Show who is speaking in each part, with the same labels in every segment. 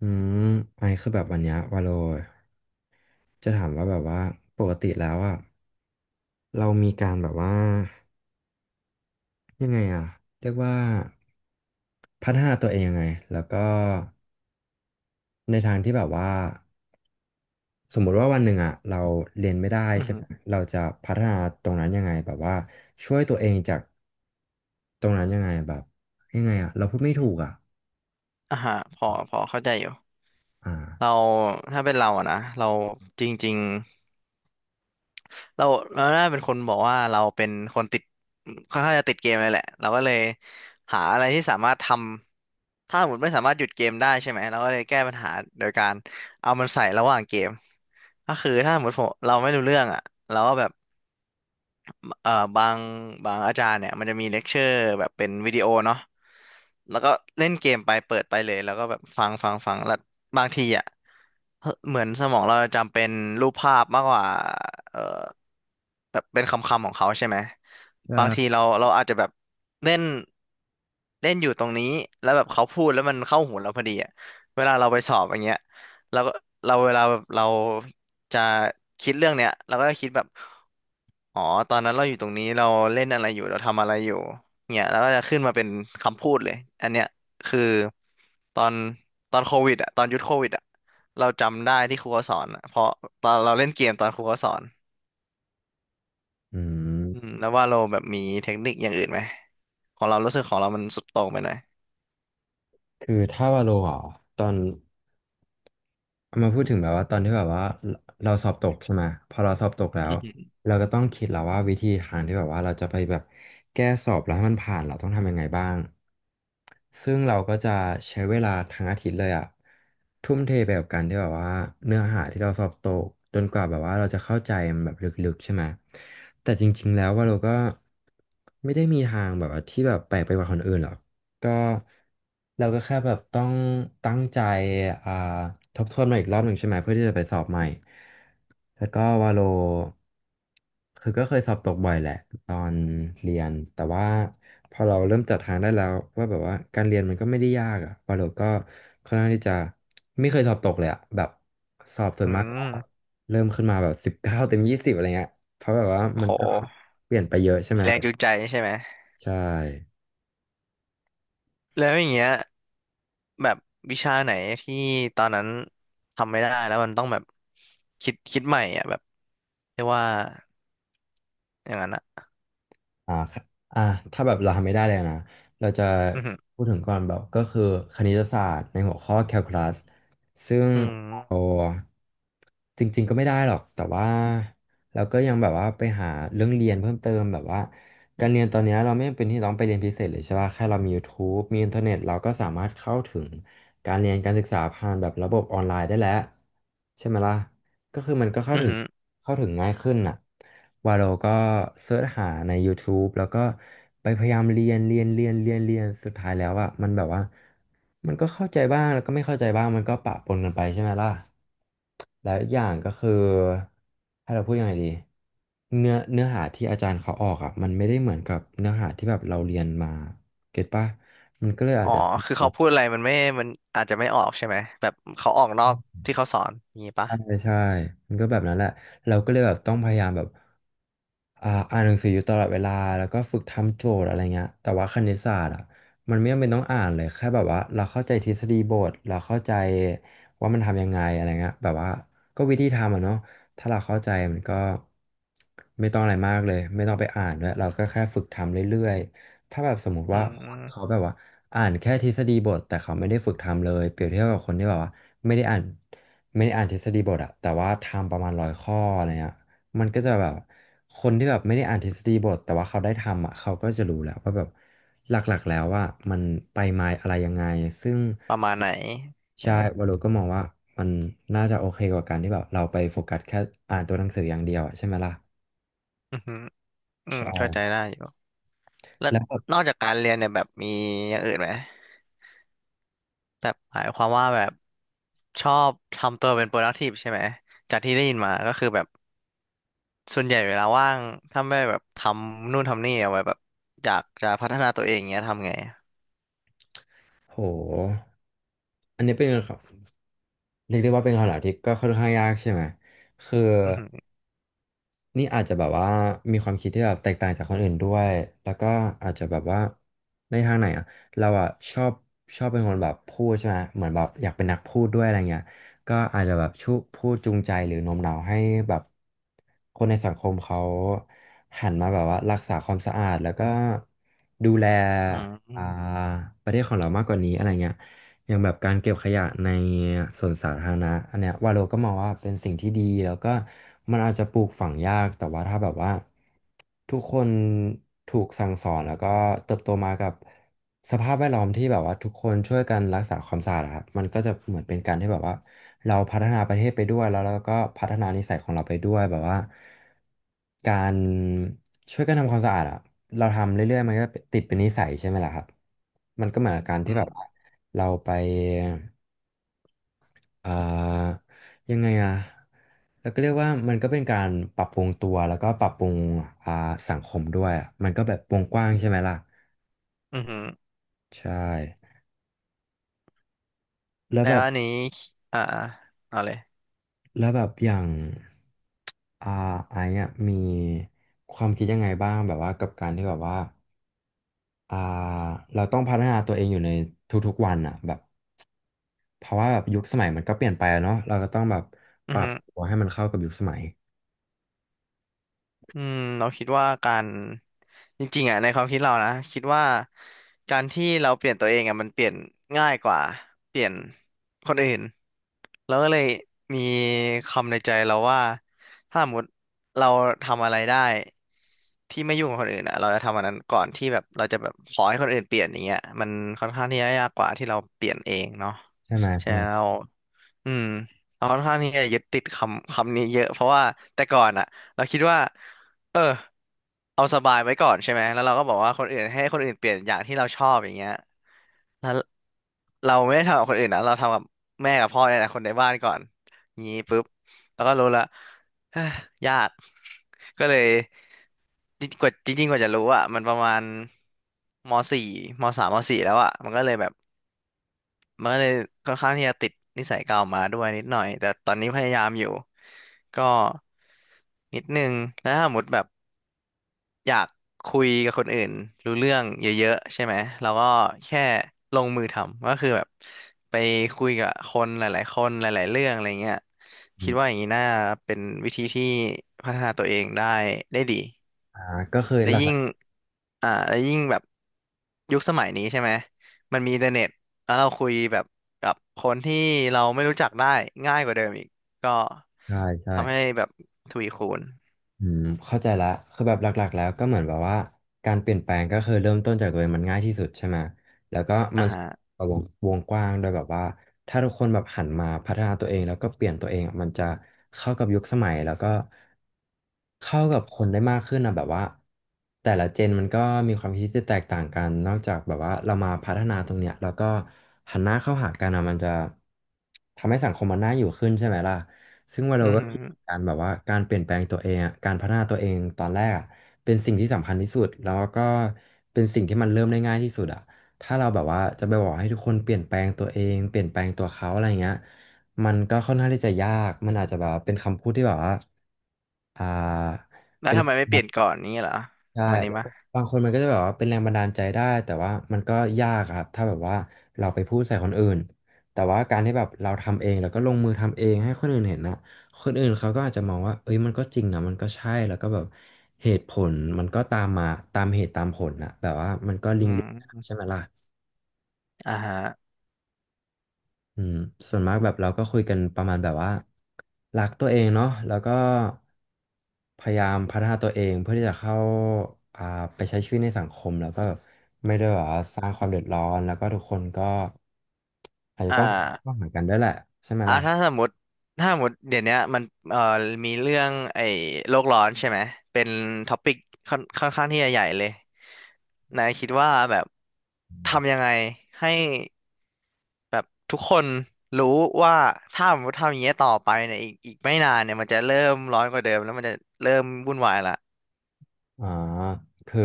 Speaker 1: อืมไอคือแบบวันเนี้ยวาโลจะถามว่าแบบว่าปกติแล้วอ่ะเรามีการแบบว่ายังไงอ่ะเรียกว่าพัฒนาตัวเองยังไงแล้วก็ในทางที่แบบว่าสมมุติว่าวันหนึ่งอ่ะเราเรียนไม่ได้
Speaker 2: อือ
Speaker 1: ใช่
Speaker 2: ฮึ
Speaker 1: ไหมเราจะพัฒนาตรงนั้นยังไงแบบว่าช่วยตัวเองจากตรงนั้นยังไงแบบยังไงอ่ะเราพูดไม่ถูกอ่ะ
Speaker 2: อ่าฮะพอเข้าใจอยู่
Speaker 1: อ่า
Speaker 2: เราถ้าเป็นเราอะนะเราจริงๆเราน่าเป็นคนบอกว่าเราเป็นคนติดค่อนข้างจะติดเกมเลยแหละเราก็เลยหาอะไรที่สามารถทำถ้าสมมติไม่สามารถหยุดเกมได้ใช่ไหมเราก็เลยแก้ปัญหาโดยการเอามันใส่ระหว่างเกมก็คือถ้าสมมติผมเราไม่รู้เรื่องอะเราก็แบบ เอ่อบางบางอาจารย์เนี่ยมันจะมีเลคเชอร์แบบเป็นวิดีโอเนาะแล้วก็เล่นเกมไปเปิดไปเลยแล้วก็แบบฟังแล้วบางทีอ่ะเฮ้ยเหมือนสมองเราจำเป็นรูปภาพมากกว่าเอ่อแบบเป็นคำคำของเขาใช่ไหมบางทีเราอาจจะแบบเล่นเล่นอยู่ตรงนี้แล้วแบบเขาพูดแล้วมันเข้าหูเราพอดีอ่ะเวลาเราไปสอบอย่างเงี้ยเราก็เวลาแบบเราจะคิดเรื่องเนี้ยเราก็จะคิดแบบ อ๋อตอนนั้นเราอยู่ตรงนี้เราเล่นอะไรอยู่เราทำอะไรอยู่เนี่ยแล้วก็จะขึ้นมาเป็นคำพูดเลยอันเนี้ยคือตอนตอนโควิดอ่ะตอนยุคโควิดอ่ะเราจำได้ที่ครูเขาสอนอะเพราะตอนเราเล่นเกมตอนครูเขาสอน
Speaker 1: อื
Speaker 2: อืม
Speaker 1: ม
Speaker 2: แล้วว่าเราแบบมีเทคนิคอย่างอื่นไหมของเรารู้สึกของเรามันสุดโต่งไปหน่อย
Speaker 1: คือถ้าวาโลอ่ะตอน เอามาพูดถึงแบบว่าตอนที่แบบว่าเราสอบตกใช่ไหมพอเราสอบตกแล้
Speaker 2: อื
Speaker 1: ว
Speaker 2: ม
Speaker 1: เราก็ต้องคิดแล้วว่าวิธีทางที่แบบว่าเราจะไปแบบแก้สอบแล้วให้มันผ่านเราต้องทำยังไงบ้างซึ่งเราก็จะใช้เวลาทั้งอาทิตย์เลยอะทุ่มเทไปกับการที่แบบว่าเนื้อหาที่เราสอบตกจนกว่าแบบว่าเราจะเข้าใจมันแบบลึกๆใช่ไหมแต่จริงๆแล้วว่าเราก็ไม่ได้มีทางแบบว่าที่แบบแปลกไปกว่าคนอื่นหรอก ก็เราก็แค่แบบต้องตั้งใจอ่าทบทวนมาอีกรอบหนึ่งใช่ไหมเพื่อที่จะไปสอบใหม่แล้วก็วาโลคือก็เคยสอบตกบ่อยแหละตอนเรียนแต่ว่าพอเราเริ่มจัดทางได้แล้วว่าแบบว่าการเรียนมันก็ไม่ได้ยากอะวาโลก็ค่อนข้างที่จะไม่เคยสอบตกเลยอะแบบสอบส่
Speaker 2: อ
Speaker 1: ว
Speaker 2: อื
Speaker 1: นมากก็
Speaker 2: ม
Speaker 1: เริ่มขึ้นมาแบบ19 เต็ม 20อะไรเงี้ยเพราะแบบว่า
Speaker 2: โอ้
Speaker 1: มัน
Speaker 2: โห
Speaker 1: ก็เปลี่ยนไปเยอะใช่
Speaker 2: มี
Speaker 1: ไหม
Speaker 2: แรงจูงใจใช่ไหม
Speaker 1: ใช่
Speaker 2: แล้วอย่างเงี้ยแบบวิชาไหนที่ตอนนั้นทำไม่ได้แล้วมันต้องแบบคิดใหม่อ่ะแบบเรียกว่า อย่างนั้นอ่ะ
Speaker 1: อ่าครับอ่าถ้าแบบเราทำไม่ได้เลยนะเราจะ
Speaker 2: อือหือ
Speaker 1: พูดถึงก่อนแบบก็คือคณิตศาสตร์ในหัวข้อแคลคูลัสซึ่ง
Speaker 2: อื
Speaker 1: เรา
Speaker 2: ม
Speaker 1: จริงๆก็ไม่ได้หรอกแต่ว่าเราก็ยังแบบว่าไปหาเรื่องเรียนเพิ่มเติมแบบว่าการเรียนตอนเนี้ยเราไม่จำเป็นที่ต้องไปเรียนพิเศษเลยใช่ป่ะแค่เรามี YouTube มีอินเทอร์เน็ตเราก็สามารถเข้าถึงการเรียนการศึกษาผ่านแบบระบบออนไลน์ได้แล้วใช่ไหมล่ะ ก็คือมันก็เข้า
Speaker 2: อหือ
Speaker 1: ถึง
Speaker 2: หือ
Speaker 1: เข้าถึงง่ายขึ้นน่ะวาโลก็เสิร์ชหาใน YouTube แล้วก็ไปพยายามเรียนเรียนเรียนเรียนเรียนสุดท้ายแล้วอ่ะมันแบบว่ามันก็เข้าใจบ้างแล้วก็ไม่เข้าใจบ้างมันก็ปะปนกันไปใช่ไหมล่ะแล้วอีกอย่างก็คือให้เราพูดยังไงดีเนื้อหาที่อาจารย์เขาออกอ่ะมันไม่ได้เหมือนกับเนื้อหาที่แบบเราเรียนมาเก็ตป่ะมันก็เลยอา
Speaker 2: อ๋
Speaker 1: จ
Speaker 2: อ
Speaker 1: จะ
Speaker 2: คือเขาพูดอะไรมันไม่มันอาจจะไม่ออกใช่ไหมแบบเขาออกนอกที่เขาสอนอย่างนี้ปะ
Speaker 1: ใช่ใช่มันก็แบบนั้นแหละ เราก็เลยแบบต้องพยายามแบบอ่านหนังสืออยู่ตลอดเวลาแล้วก็ฝึกทำโจทย์อะไรเงี้ยแต่ว่าคณิตศาสตร์อ่ะมันไม่จำเป็นต้องอ่านเลยแค่แบบว่าเราเข้าใจทฤษฎีบทเราเข้าใจว่ามันทำยังไงอะไรเงี้ยแบบว่าก็วิธีทำอ่ะเนาะถ้าเราเข้าใจมันก็ไม่ต้องอะไรมากเลย ไม่ต้องไปอ่านด้วยเราก็แค่ฝึกทำเรื่อย ถ้าแบบสมมุติ
Speaker 2: อื
Speaker 1: ว่าคนเขา
Speaker 2: ม
Speaker 1: แบบว่าอ่านแค่ทฤษฎีบทแต่เขาไม่ได้ฝึกทำเลยเปรียบเทียบกับคนที่แบบว่าไม่ได้อ่านไม่ได้อ่านทฤษฎีบทอะแต่ว่าทำประมาณ100 ข้ออะไรเงี้ยมันก็จะแบบคนที่แบบไม่ได้อ่านทฤษฎีบทแต่ว่าเขาได้ทำอะเขาก็จะรู้แล้วว่าแบบหลักๆแล้วว่ามันไปมาอะไรยังไงซึ่ง
Speaker 2: ประมาณไหนใช่
Speaker 1: ใช่
Speaker 2: ไหม
Speaker 1: วารลก็มองว่ามันน่าจะโอเคกว่าการที่แบบเราไปโฟกัสแค่อ่านตัวหนังสืออย่างเดียวอะใช่ไหมล่ะ
Speaker 2: อือหืออื
Speaker 1: ใ
Speaker 2: มเข้าใจ
Speaker 1: ช่
Speaker 2: ได้อยู่แล้ว
Speaker 1: แล้วแบบ
Speaker 2: นอกจากการเรียนเนี่ยแบบมีอย่างอื่นไหมแบบหมายความว่าแบบชอบทำตัวเป็น productive ใช่ไหมจากที่ได้ยินมาก็คือแบบส่วนใหญ่เวลาว่างถ้าไม่แบบทำนู่นทำนี่เอาไว้แบบอยากจะพัฒนาตัวเองเงี้ยทำไง
Speaker 1: โหอันนี้เป็นไงครับ เรียกได้ว่าเป็นคำถามที่ก็ค่อนข้างยากใช่ไหม คือ
Speaker 2: อือหือ
Speaker 1: นี่อาจจะแบบว่ามีความคิดที่แบบแตกต่างจากคนอื่นด้วย แล้วก็อาจจะแบบว่าในทางไหนอ่ะเราอ่ะชอบเป็นคนแบบพูดใช่ไหมเหมือนแบบอยากเป็นนักพูดด้วยอะไรเงี้ยก็อาจจะแบบชูพูดจูงใจหรือโน้มน้าวให้แบบคนในสังคมเขาหันมาแบบว่ารักษาความสะอาดแล้วก็ดูแล
Speaker 2: อืมอื
Speaker 1: อ่า
Speaker 2: ม
Speaker 1: ประเทศของเรามากกว่านี้อะไรเงี้ย อย่างแบบการเก็บขยะในสวนสาธารณะอันเนี้ยวาโลก็มองว่าเป็นสิ่งที่ดีแล้วก็มันอาจจะปลูกฝังยากแต่ว่าถ้าแบบว่าทุกคนถูกสั่งสอนแล้วก็เติบโตมากับสภาพแวดล้อมที่แบบว่าทุกคนช่วยกันรักษาความสะอาดอะครับมันก็จะเหมือนเป็นการที่แบบว่าเราพัฒนาประเทศไปด้วยแล้วเราก็พัฒนานิสัยของเราไปด้วยแบบว่าการ ช่วยกันทำความสะอาดอะเราทำเรื่อยๆมันก็ติดเป็นนิสัยใช่ไหมล่ะครับมันก็เหมือนกับการ
Speaker 2: อื
Speaker 1: ที่แบบว่า
Speaker 2: ม
Speaker 1: เราไปเอ่อยังไงอะเราก็เรียกว่ามันก็เป็นการปรับปรุงตัวแล้วก็ปรับปรุงอ่าสังคมด้วยอะมันก็แบบวงกว้างใช่ไหมล่ะ
Speaker 2: อืม
Speaker 1: ใช่แล้ว
Speaker 2: แล้
Speaker 1: แบ
Speaker 2: ว
Speaker 1: บ
Speaker 2: อันนี้อ่าเอาเลย
Speaker 1: แล้วแบบอย่างอ่าไอ้อะมีความคิดยังไงบ้างแบบว่ากับการที่แบบว่าอ่าเราต้องพัฒนาตัวเองอยู่ในทุกๆวันอ่ะแบบ เพราะว่าแบบยุคสมัยมันก็เปลี่ยนไปอะเนาะเราก็ต้องแบบป
Speaker 2: อือ
Speaker 1: รับ
Speaker 2: ฮึ
Speaker 1: ตัวให้มันเข้ากับยุคสมัย
Speaker 2: อืมเราคิดว่าการจริงๆอ่ะในความคิดเรานะคิดว่าการที่เราเปลี่ยนตัวเองอ่ะมันเปลี่ยนง่ายกว่าเปลี่ยนคนอื่นแล้วก็เลยมีคำในใจเราว่าถ้าสมมติเราทำอะไรได้ที่ไม่ยุ่งกับคนอื่นอ่ะเราจะทำอันนั้นก่อนที่แบบเราจะแบบขอให้คนอื่นเปลี่ยนอย่างเงี้ยมันค่อนข้างที่จะยากกว่าที่เราเปลี่ยนเองเนาะ
Speaker 1: ใช่ไหม
Speaker 2: ใช่
Speaker 1: ใช่ไหม
Speaker 2: แล้ว อืมเราค่อนข้างที่จะยึดติดคำคำนี้เยอะเพราะว่าแต่ก่อนอ่ะเราคิดว่าเออเอาสบายไว้ก่อนใช่ไหมแล้วเราก็บอกว่าคนอื่นให้คนอื่นเปลี่ยนอย่างที่เราชอบอย่างเงี้ยแล้วเราไม่ได้ทำกับคนอื่นนะเราทำกับแม่กับพ่อเนี่ยแหละคนในบ้านก่อนงี้ปุ๊บแล้วก็รู้ละเอ้อยากก็เลยจริงกว่าจริงๆกว่าจะรู้อ่ะมันประมาณมสี่มสามมสี่แล้วอ่ะมันก็เลยแบบ มันก็เลยค่อนข้างที่จะติดนิสัยเก่ามาด้วยนิดหน่อยแต่ตอนนี้พยายามอยู่ก็นิดนึงแล้วถ้าสมมติแบบอยากคุยกับคนอื่นรู้เรื่องเยอะๆใช่ไหมเราก็แค่ลงมือทำก็คือแบบไปคุยกับคนหลายๆคนหลายๆเรื่องอะไรเงี้ย
Speaker 1: อ
Speaker 2: คิด
Speaker 1: ม
Speaker 2: ว่าอย่างนี้น่าเป็นวิธีที่พัฒนาตัวเองได้ได้ดี
Speaker 1: อ่าก็เคย
Speaker 2: และ
Speaker 1: หลัก
Speaker 2: ยิ่งและยิ่งแบบยุคสมัยนี้ใช่ไหมมันมีอินเทอร์เน็ตแล้วเราคุยแบบกับคนที่เราไม่รู้จักได้ง่ายกว่าเดิมอีกก็
Speaker 1: ๆใช่ใช่
Speaker 2: ทำให้แบบทวีคูณ
Speaker 1: อืมเข้าใจละคือแบบหลักๆแล้วก็เหมือนแบบว่าการเปลี่ยนแปลงก็คือเริ่มต้นจากตัวเองมันง่ายที่สุดใช่ไหมแล้วก็
Speaker 2: อ่า
Speaker 1: มัน
Speaker 2: ฮะ
Speaker 1: วงวงกว้างโดยแบบว่าถ้าทุกคนแบบหันมาพัฒนาตัวเองแล้วก็เปลี่ยนตัวเองอะมันจะเข้ากับยุคสมัยแล้วก็เข้ากับคนได้มากขึ้นนะแบบว่าแต่ละเจนมันก็มีความคิดที่แตกต่างกันนอกจากแบบว่าเรามาพัฒนาตรงเนี้ยแล้วก็หันหน้าเข้าหากันอะมันจะทำให้สังคมมันน่าอยู่ขึ้นใช่ไหมล่ะ ซึ่งวัน
Speaker 2: อื
Speaker 1: เรา
Speaker 2: อ
Speaker 1: ก็
Speaker 2: หือ
Speaker 1: คิดเหมือนการแบบว่าการเปลี่ยนแปลงตัวเองอะการพัฒนาตัวเองตอนแรกอะเป็นสิ่งที่สำคัญที่สุดแล้วก็เป็นสิ่งที่มันเริ่มได้ง่ายที่สุดอะถ้าเราแบบว่าจะไปบอกให้ทุกคนเปลี่ยนแปลงตัวเองเปลี่ยนแปลงตัวเขาอะไรเงี้ยมันก็ค่อนข้างที่จะยากมันอาจจะแบบว่าเป็นคำพูดที่แบบว่าอ่า
Speaker 2: แล้ว
Speaker 1: เป็น
Speaker 2: ทำไมไม่เปลี่ยนก่อนนี้เหรอ
Speaker 1: ใช่
Speaker 2: วันนี้
Speaker 1: แล้วก็
Speaker 2: มะ
Speaker 1: บางคนมันก็จะแบบว่าเป็นแรงบันดาลใจได้แต่ว่ามันก็ยากอะครับถ้าแบบว่าเราไปพูดใส่คนอื่นแต่ว่าการที่แบบเราทำเองแล้วก็ลงมือทำเองให้คนอื่นเห็นนะคนอื่นเขาก็อาจจะมองว่าเอ้ยมันก็จริงนะมันก็ใช่แล้วก็แบบเหตุผลมันก็ตามมาตามเหตุตามผลนะแบบว่ามันก็
Speaker 2: อื
Speaker 1: ลิง
Speaker 2: ม
Speaker 1: ใช่ไหมล่ะ
Speaker 2: อ่าฮะ
Speaker 1: อืมส่วนมากแบบเราก็คุยกันประมาณแบบว่ารักตัวเองเนาะแล้วก็พยายามพัฒนาตัวเองเพื่อที่จะเข้าอ่าไปใช้ชีวิตในสังคมแล้วก็ไม่ได้แบบว่าสร้างความเดือดร้อนแล้วก็ทุกคนก็อาจจะ
Speaker 2: อ่
Speaker 1: ต้องเข้า
Speaker 2: า
Speaker 1: หากันด้วยแหละใช่ไหม
Speaker 2: อ่ะ
Speaker 1: ล่ะ
Speaker 2: ถ้าสมมติเดี๋ยวเนี้ยมันเอ่อมีเรื่องไอ้โลกร้อนใช่ไหมเป็นท็อปิกค่อนข้างที่จะใหญ่เลยนายคิดว่าแบบทำยังไงให้แบบทุกคนรู้ว่าถ้าสมมติทำอย่างเงี้ยต่อไปเนี่ยอีกไม่นานเนี่ยมันจะเริ่มร้อนกว่าเดิมแล้วมันจะเริ่มวุ่นวายละ
Speaker 1: อ๋อคือ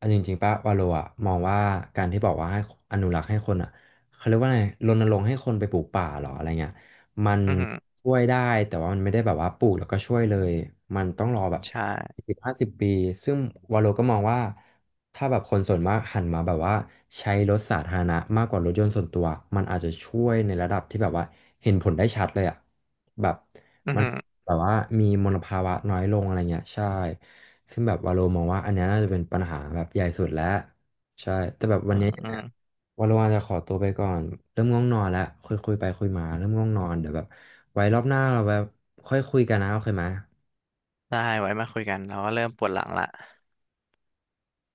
Speaker 1: อันจริงๆป่ะวาโลอะมองว่าการที่บอกว่าให้อนุรักษ์ให้คนอะเขาเรียกว่าไงรณรงค์ให้คนไปปลูกป่าเหรออะไรเงี้ยมัน
Speaker 2: อือหือ
Speaker 1: ช่วยได้แต่ว่ามันไม่ได้แบบว่าปลูกแล้วก็ช่วยเลยมันต้องรอแบบ
Speaker 2: ใช่
Speaker 1: 10-15 ปีซึ่งวาโลก็มองว่าถ้าแบบคนส่วนมากหันมาแบบว่าใช้รถสาธารณะมากกว่ารถยนต์ส่วนตัวมันอาจจะช่วยในระดับที่แบบว่าเห็นผลได้ชัดเลยอะแบบ
Speaker 2: อือ
Speaker 1: มัน
Speaker 2: หือ
Speaker 1: แบบว่ามีมลภาวะน้อยลงอะไรเงี้ยใช่ ซึ่งแบบวาโลมองว่าอันเนี้ยน่าจะเป็นปัญหาแบบใหญ่สุดแล้วใช่แต่แบบวั
Speaker 2: อื
Speaker 1: น
Speaker 2: อ
Speaker 1: เนี้ยยัง
Speaker 2: อื
Speaker 1: ไง
Speaker 2: อ
Speaker 1: วาโลอาจจะขอตัวไปก่อนเริ่มง่วงนอนแล้วคุยไปคุยมาเริ่มง่วงนอนเดี๋ยวแบบไว้รอบหน้าเราแบบค่อยคุยกันนะโอเคไหม
Speaker 2: ได้ไว้มาคุยกันเราก็เริ่มปวดหลังละ